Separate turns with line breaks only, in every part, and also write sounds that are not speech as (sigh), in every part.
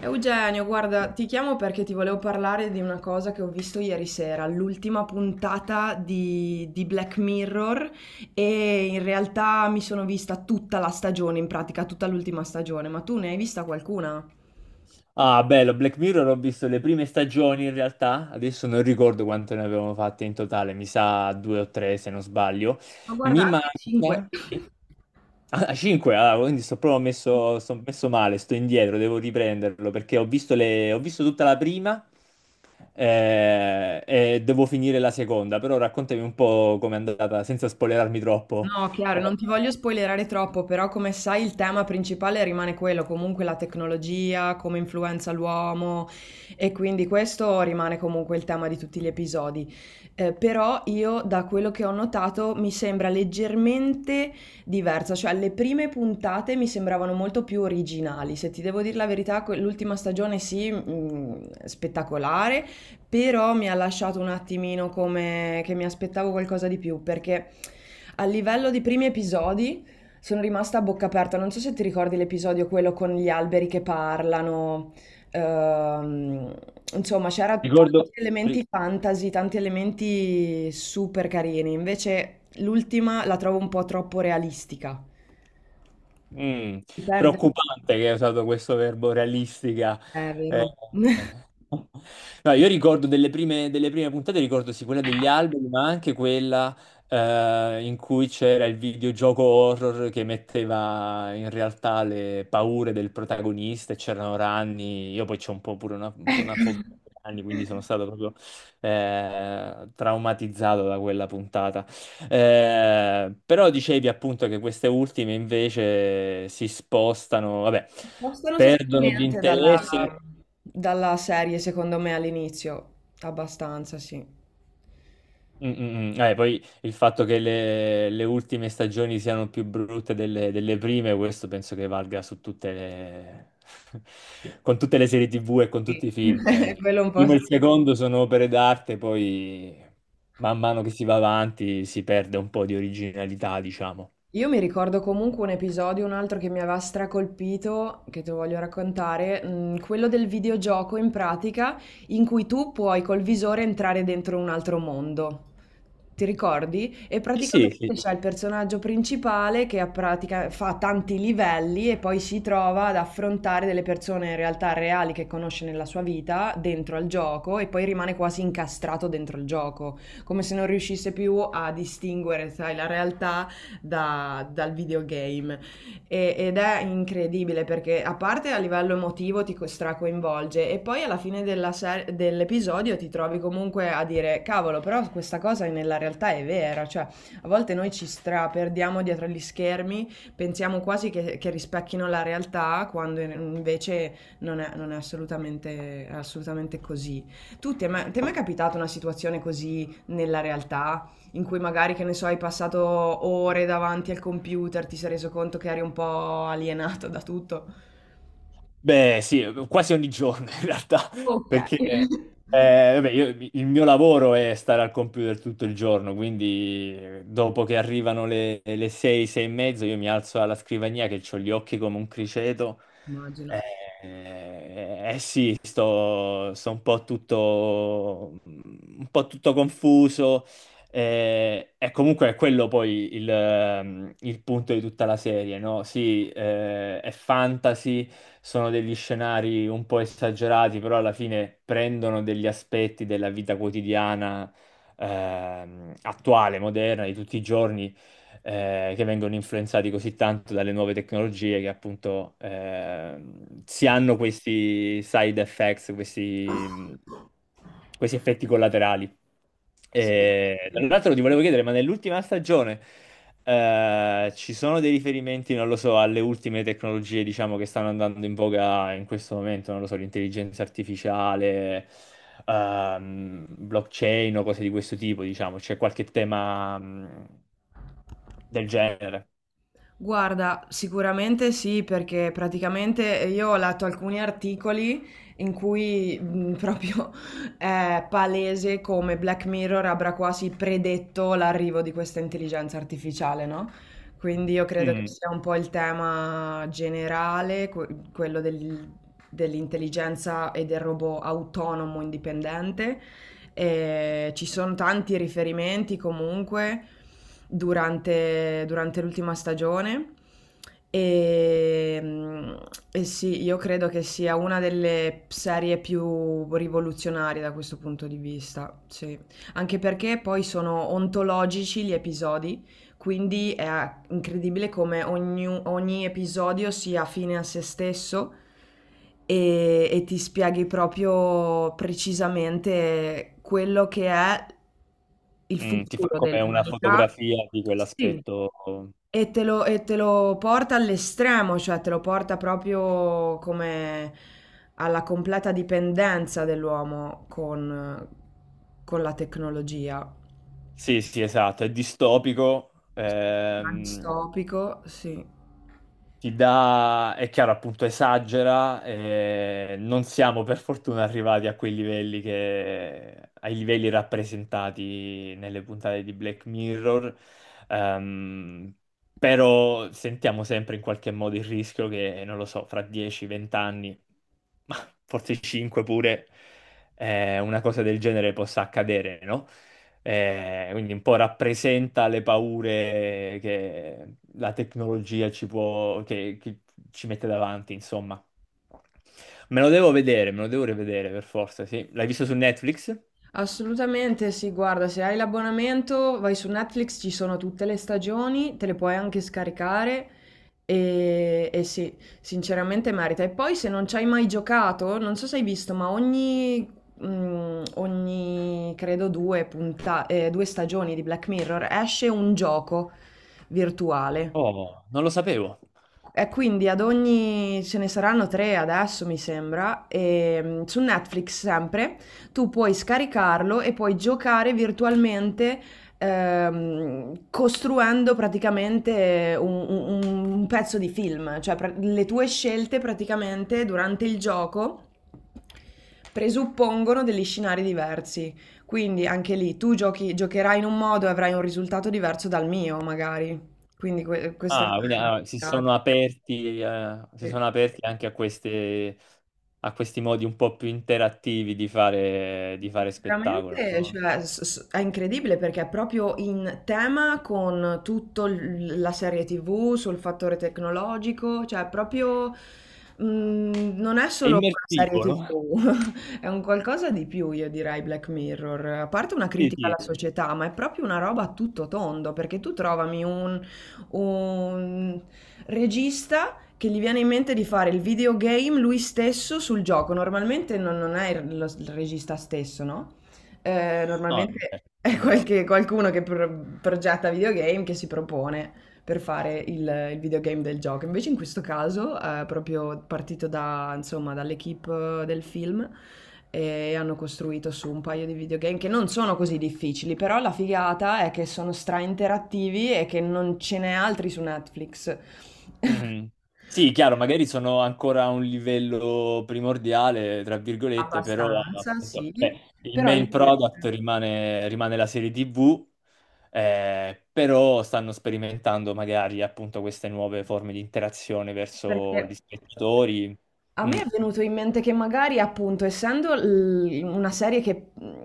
Eugenio, guarda, ti chiamo perché ti volevo parlare di una cosa che ho visto ieri sera, l'ultima puntata di Black Mirror e in realtà mi sono vista tutta la stagione, in pratica tutta l'ultima stagione, ma tu ne hai vista qualcuna?
Ah, bello, Black Mirror ho visto le prime stagioni in realtà, adesso non ricordo quante ne avevamo fatte in totale, mi sa due o tre se non sbaglio.
Ma
Mi
guarda, anche 5.
manca.
(laughs)
Ah, cinque, ah, quindi sto messo male, sto indietro, devo riprenderlo perché ho visto, ho visto tutta la prima e devo finire la seconda, però raccontami un po' com'è andata senza spoilerarmi troppo.
No, chiaro,
Eh,
non ti voglio spoilerare troppo, però come sai il tema principale rimane quello, comunque la tecnologia, come influenza l'uomo e quindi questo rimane comunque il tema di tutti gli episodi. Però io da quello che ho notato mi sembra leggermente diversa, cioè le prime puntate mi sembravano molto più originali, se ti devo dire la verità, l'ultima stagione sì, spettacolare, però mi ha lasciato un attimino come che mi aspettavo qualcosa di più, perché a livello di primi episodi sono rimasta a bocca aperta. Non so se ti ricordi l'episodio quello con gli alberi che parlano. ehm, insomma, c'era tanti
Ricordo.
elementi fantasy, tanti elementi super carini. Invece l'ultima la trovo un po' troppo realistica.
Mm.
Si perde un po',
Preoccupante che hai usato questo verbo realistica.
è
Eh,
vero.
eh. No, io ricordo delle prime puntate, ricordo sì quella degli alberi, ma anche quella in cui c'era il videogioco horror che metteva in realtà le paure del protagonista e c'erano ranni. Io poi c'ho un po' pure
(laughs)
un po' una
Ecco.
fobia di ranni, quindi sono stato proprio traumatizzato da quella puntata. Però dicevi appunto che queste ultime invece si spostano, vabbè,
Spostano
perdono di
sostanzialmente dalla,
interesse.
dalla serie, secondo me, all'inizio, abbastanza, sì.
Mm, mm, mm. Poi il fatto che le ultime stagioni siano più brutte delle prime, questo penso che valga (laughs) con tutte le serie TV e con
Sì.
tutti i film.
(laughs)
Il
Quello un po'
primo
sì.
e il secondo sono opere d'arte, poi man mano che si va avanti si perde un po' di originalità, diciamo.
Io mi ricordo comunque un episodio, un altro che mi aveva stracolpito, che te lo voglio raccontare, quello del videogioco in pratica in cui tu puoi col visore entrare dentro un altro mondo. Ti ricordi? E
Sì, sì,
praticamente
sì.
c'è il personaggio principale che a pratica fa tanti livelli e poi si trova ad affrontare delle persone in realtà reali che conosce nella sua vita dentro al gioco e poi rimane quasi incastrato dentro il gioco, come se non riuscisse più a distinguere, sai, la realtà dal videogame. Ed è incredibile perché a parte a livello emotivo ti stracoinvolge e poi alla fine della dell'episodio ti trovi comunque a dire cavolo, però questa cosa nella realtà è vera, cioè a volte noi ci straperdiamo dietro gli schermi, pensiamo quasi che rispecchino la realtà quando invece non è assolutamente, è assolutamente così. Tu, ti è mai capitata una situazione così nella realtà in cui magari, che ne so, hai passato ore davanti al computer, ti sei reso conto che eri un po' alienato da tutto.
Beh, sì, quasi ogni giorno in realtà, (laughs)
Ok.
perché vabbè, il mio lavoro è stare al computer tutto il giorno, quindi dopo che arrivano le 6, 6 e mezzo, io mi alzo alla scrivania che ho gli occhi come un criceto.
Immagino.
Sì, sto un po' tutto confuso, e comunque è quello poi il punto di tutta la serie, no? Sì, è fantasy, sono degli scenari un po' esagerati, però alla fine prendono degli aspetti della vita quotidiana, attuale, moderna, di tutti i giorni che vengono influenzati così tanto dalle nuove tecnologie che appunto si hanno questi side effects, questi effetti collaterali.
Sì.
E, tra l'altro ti volevo chiedere, ma nell'ultima stagione ci sono dei riferimenti, non lo so, alle ultime tecnologie, diciamo, che stanno andando in voga in questo momento, non lo so, l'intelligenza artificiale, blockchain o cose di questo tipo, diciamo, c'è qualche tema, del genere.
Guarda, sicuramente sì, perché praticamente io ho letto alcuni articoli in cui proprio (laughs) è palese come Black Mirror avrà quasi predetto l'arrivo di questa intelligenza artificiale, no? Quindi io credo che
Mm,
sia un po' il tema generale, quello dell'intelligenza e del robot autonomo indipendente e ci sono tanti riferimenti comunque durante l'ultima stagione. E, e sì, io credo che sia una delle serie più rivoluzionarie da questo punto di vista, sì. Anche perché poi sono ontologici gli episodi, quindi è incredibile come ogni episodio sia fine a se stesso e ti spieghi proprio precisamente quello che è il
ti fa
futuro
come una
dell'umanità.
fotografia di
Sì.
quell'aspetto.
E te lo porta all'estremo, cioè te lo porta proprio come alla completa dipendenza dell'uomo con la tecnologia.
Sì, sì, esatto, è distopico.
Distopico, sì.
Ti dà, è chiaro, appunto, esagera. Non siamo per fortuna arrivati a quei livelli che, ai livelli rappresentati nelle puntate di Black Mirror. Ehm, Però sentiamo sempre in qualche modo il rischio che, non lo so, fra 10-20 anni, ma forse 5 pure, una cosa del genere possa accadere, no? Quindi un po' rappresenta le paure che la tecnologia ci può, che ci mette davanti, insomma. Me lo devo vedere, me lo devo rivedere per forza, sì. L'hai visto su Netflix?
Assolutamente sì, guarda, se hai l'abbonamento vai su Netflix, ci sono tutte le stagioni, te le puoi anche scaricare e sì, sinceramente merita. E poi se non ci hai mai giocato, non so se hai visto, ma ogni credo due stagioni di Black Mirror esce un gioco virtuale.
Oh, non lo sapevo.
E quindi ad ogni, ce ne saranno tre adesso mi sembra, e su Netflix sempre, tu puoi scaricarlo e puoi giocare virtualmente costruendo praticamente un pezzo di film, cioè le tue scelte praticamente durante il gioco presuppongono degli scenari diversi, quindi anche lì tu giochi, giocherai in un modo e avrai un risultato diverso dal mio magari, quindi questa è
Ah, quindi
una...
si sono aperti,
Sì.
anche a a questi modi un po' più interattivi di fare, spettacolo,
Veramente,
no?
cioè, è incredibile perché è proprio in tema con tutta la serie TV sul fattore tecnologico, cioè è proprio non è
È
solo una serie
immersivo, no?
TV, (laughs) è un qualcosa di più, io direi, Black Mirror. A parte una
Sì,
critica
sì,
alla
sì.
società, ma è proprio una roba a tutto tondo, perché tu trovami un regista che gli viene in mente di fare il videogame lui stesso sul gioco. Normalmente non è il regista stesso, no?
No, non c'è.
Normalmente è qualcuno che progetta videogame che si propone per fare il videogame del gioco. Invece in questo caso è proprio partito da, insomma, dall'equipe del film e hanno costruito su un paio di videogame che non sono così difficili, però la figata è che sono stra interattivi e che non ce n'è altri su Netflix. (laughs)
Mhm. Sì, chiaro, magari sono ancora a un livello primordiale, tra virgolette, però
Abbastanza,
appunto,
sì,
il
però lì
main product rimane la serie TV, però stanno sperimentando magari appunto queste nuove forme di interazione
perché
verso gli spettatori.
a
Mm.
me è venuto in mente che magari, appunto, essendo una serie che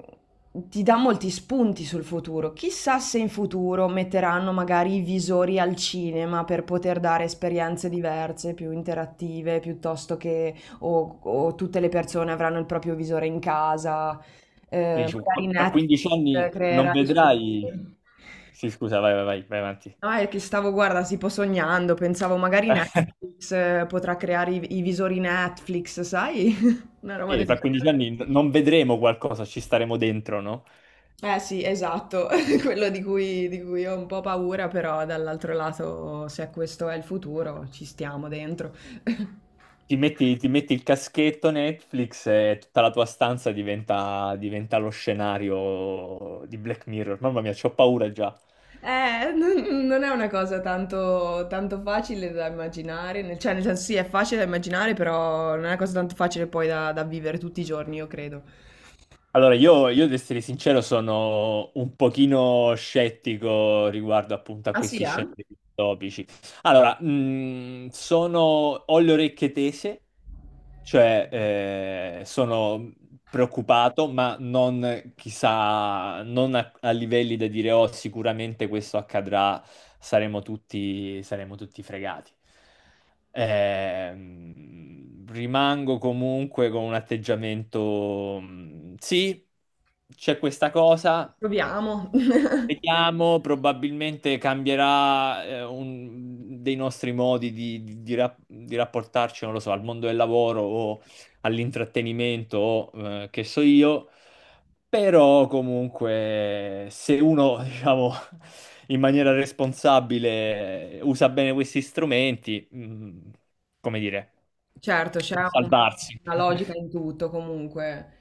ti dà molti spunti sul futuro, chissà se in futuro metteranno magari i visori al cinema per poter dare esperienze diverse, più interattive, piuttosto che o tutte le persone avranno il proprio visore in casa,
Quindi,
magari
tra 15 anni
Netflix
non
creerà i suoi
vedrai.
visori.
Sì, scusa, vai, vai, vai, vai avanti.
No, è che stavo, guarda, tipo sognando, pensavo magari
(laughs)
Netflix potrà creare i visori Netflix, sai? (laughs) Una roba
Sì,
del
fra 15
genere.
anni non vedremo qualcosa, ci staremo dentro, no?
Eh sì, esatto, (laughs) quello di cui ho un po' paura, però dall'altro lato, se questo è il futuro, ci stiamo dentro. (laughs)
Ti metti il caschetto Netflix e tutta la tua stanza diventa lo scenario di Black Mirror. Mamma mia, c'ho paura già.
Non è una cosa tanto facile da immaginare, cioè nel senso sì, è facile da immaginare, però non è una cosa tanto facile poi da vivere tutti i giorni, io credo.
Allora, io ad essere sincero sono un pochino scettico riguardo appunto a
Ah sì,
questi
eh?
scenari distopici. Allora, ho le orecchie tese. Cioè, sono preoccupato, ma non chissà, non a livelli da dire, oh, sicuramente questo accadrà, saremo tutti fregati. Rimango comunque con un atteggiamento, sì, c'è questa cosa.
Proviamo. (laughs)
Vediamo, probabilmente cambierà dei nostri modi di rapportarci, non lo so, al mondo del lavoro o all'intrattenimento o che so io, però comunque se uno, (laughs) diciamo, in maniera responsabile usa bene questi strumenti, come dire,
Certo,
può salvarsi.
una logica
(laughs)
in tutto comunque.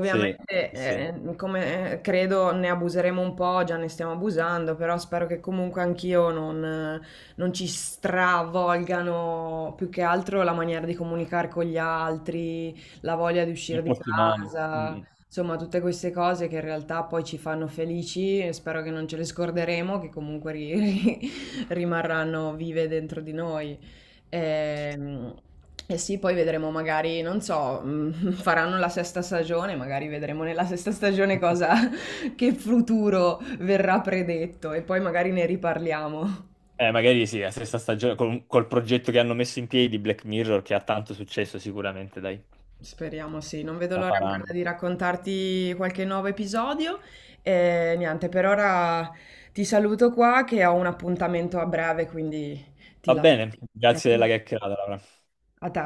Sì, sì, sì.
come credo, ne abuseremo un po', già ne stiamo abusando, però spero che comunque anch'io non, non ci stravolgano più che altro la maniera di comunicare con gli altri, la voglia di uscire di
Rapporti umani.
casa,
Mm.
insomma, tutte queste cose che in realtà poi ci fanno felici e spero che non ce le scorderemo, che comunque (laughs) ri- rimarranno vive dentro di noi. Ehm, sì, poi vedremo magari, non so, (laughs) faranno la sesta stagione, magari vedremo nella sesta stagione cosa, (laughs) che futuro verrà predetto e poi magari ne riparliamo.
Magari sì, la stessa stagione, col progetto che hanno messo in piedi di Black Mirror, che ha tanto successo sicuramente, dai,
Speriamo sì, non vedo
la
l'ora guarda,
faranno.
di raccontarti qualche nuovo episodio. E niente, per ora ti saluto qua che ho un appuntamento a breve, quindi ti
Va
lascio.
bene,
Ok?
grazie della chiacchierata, Laura.
A te.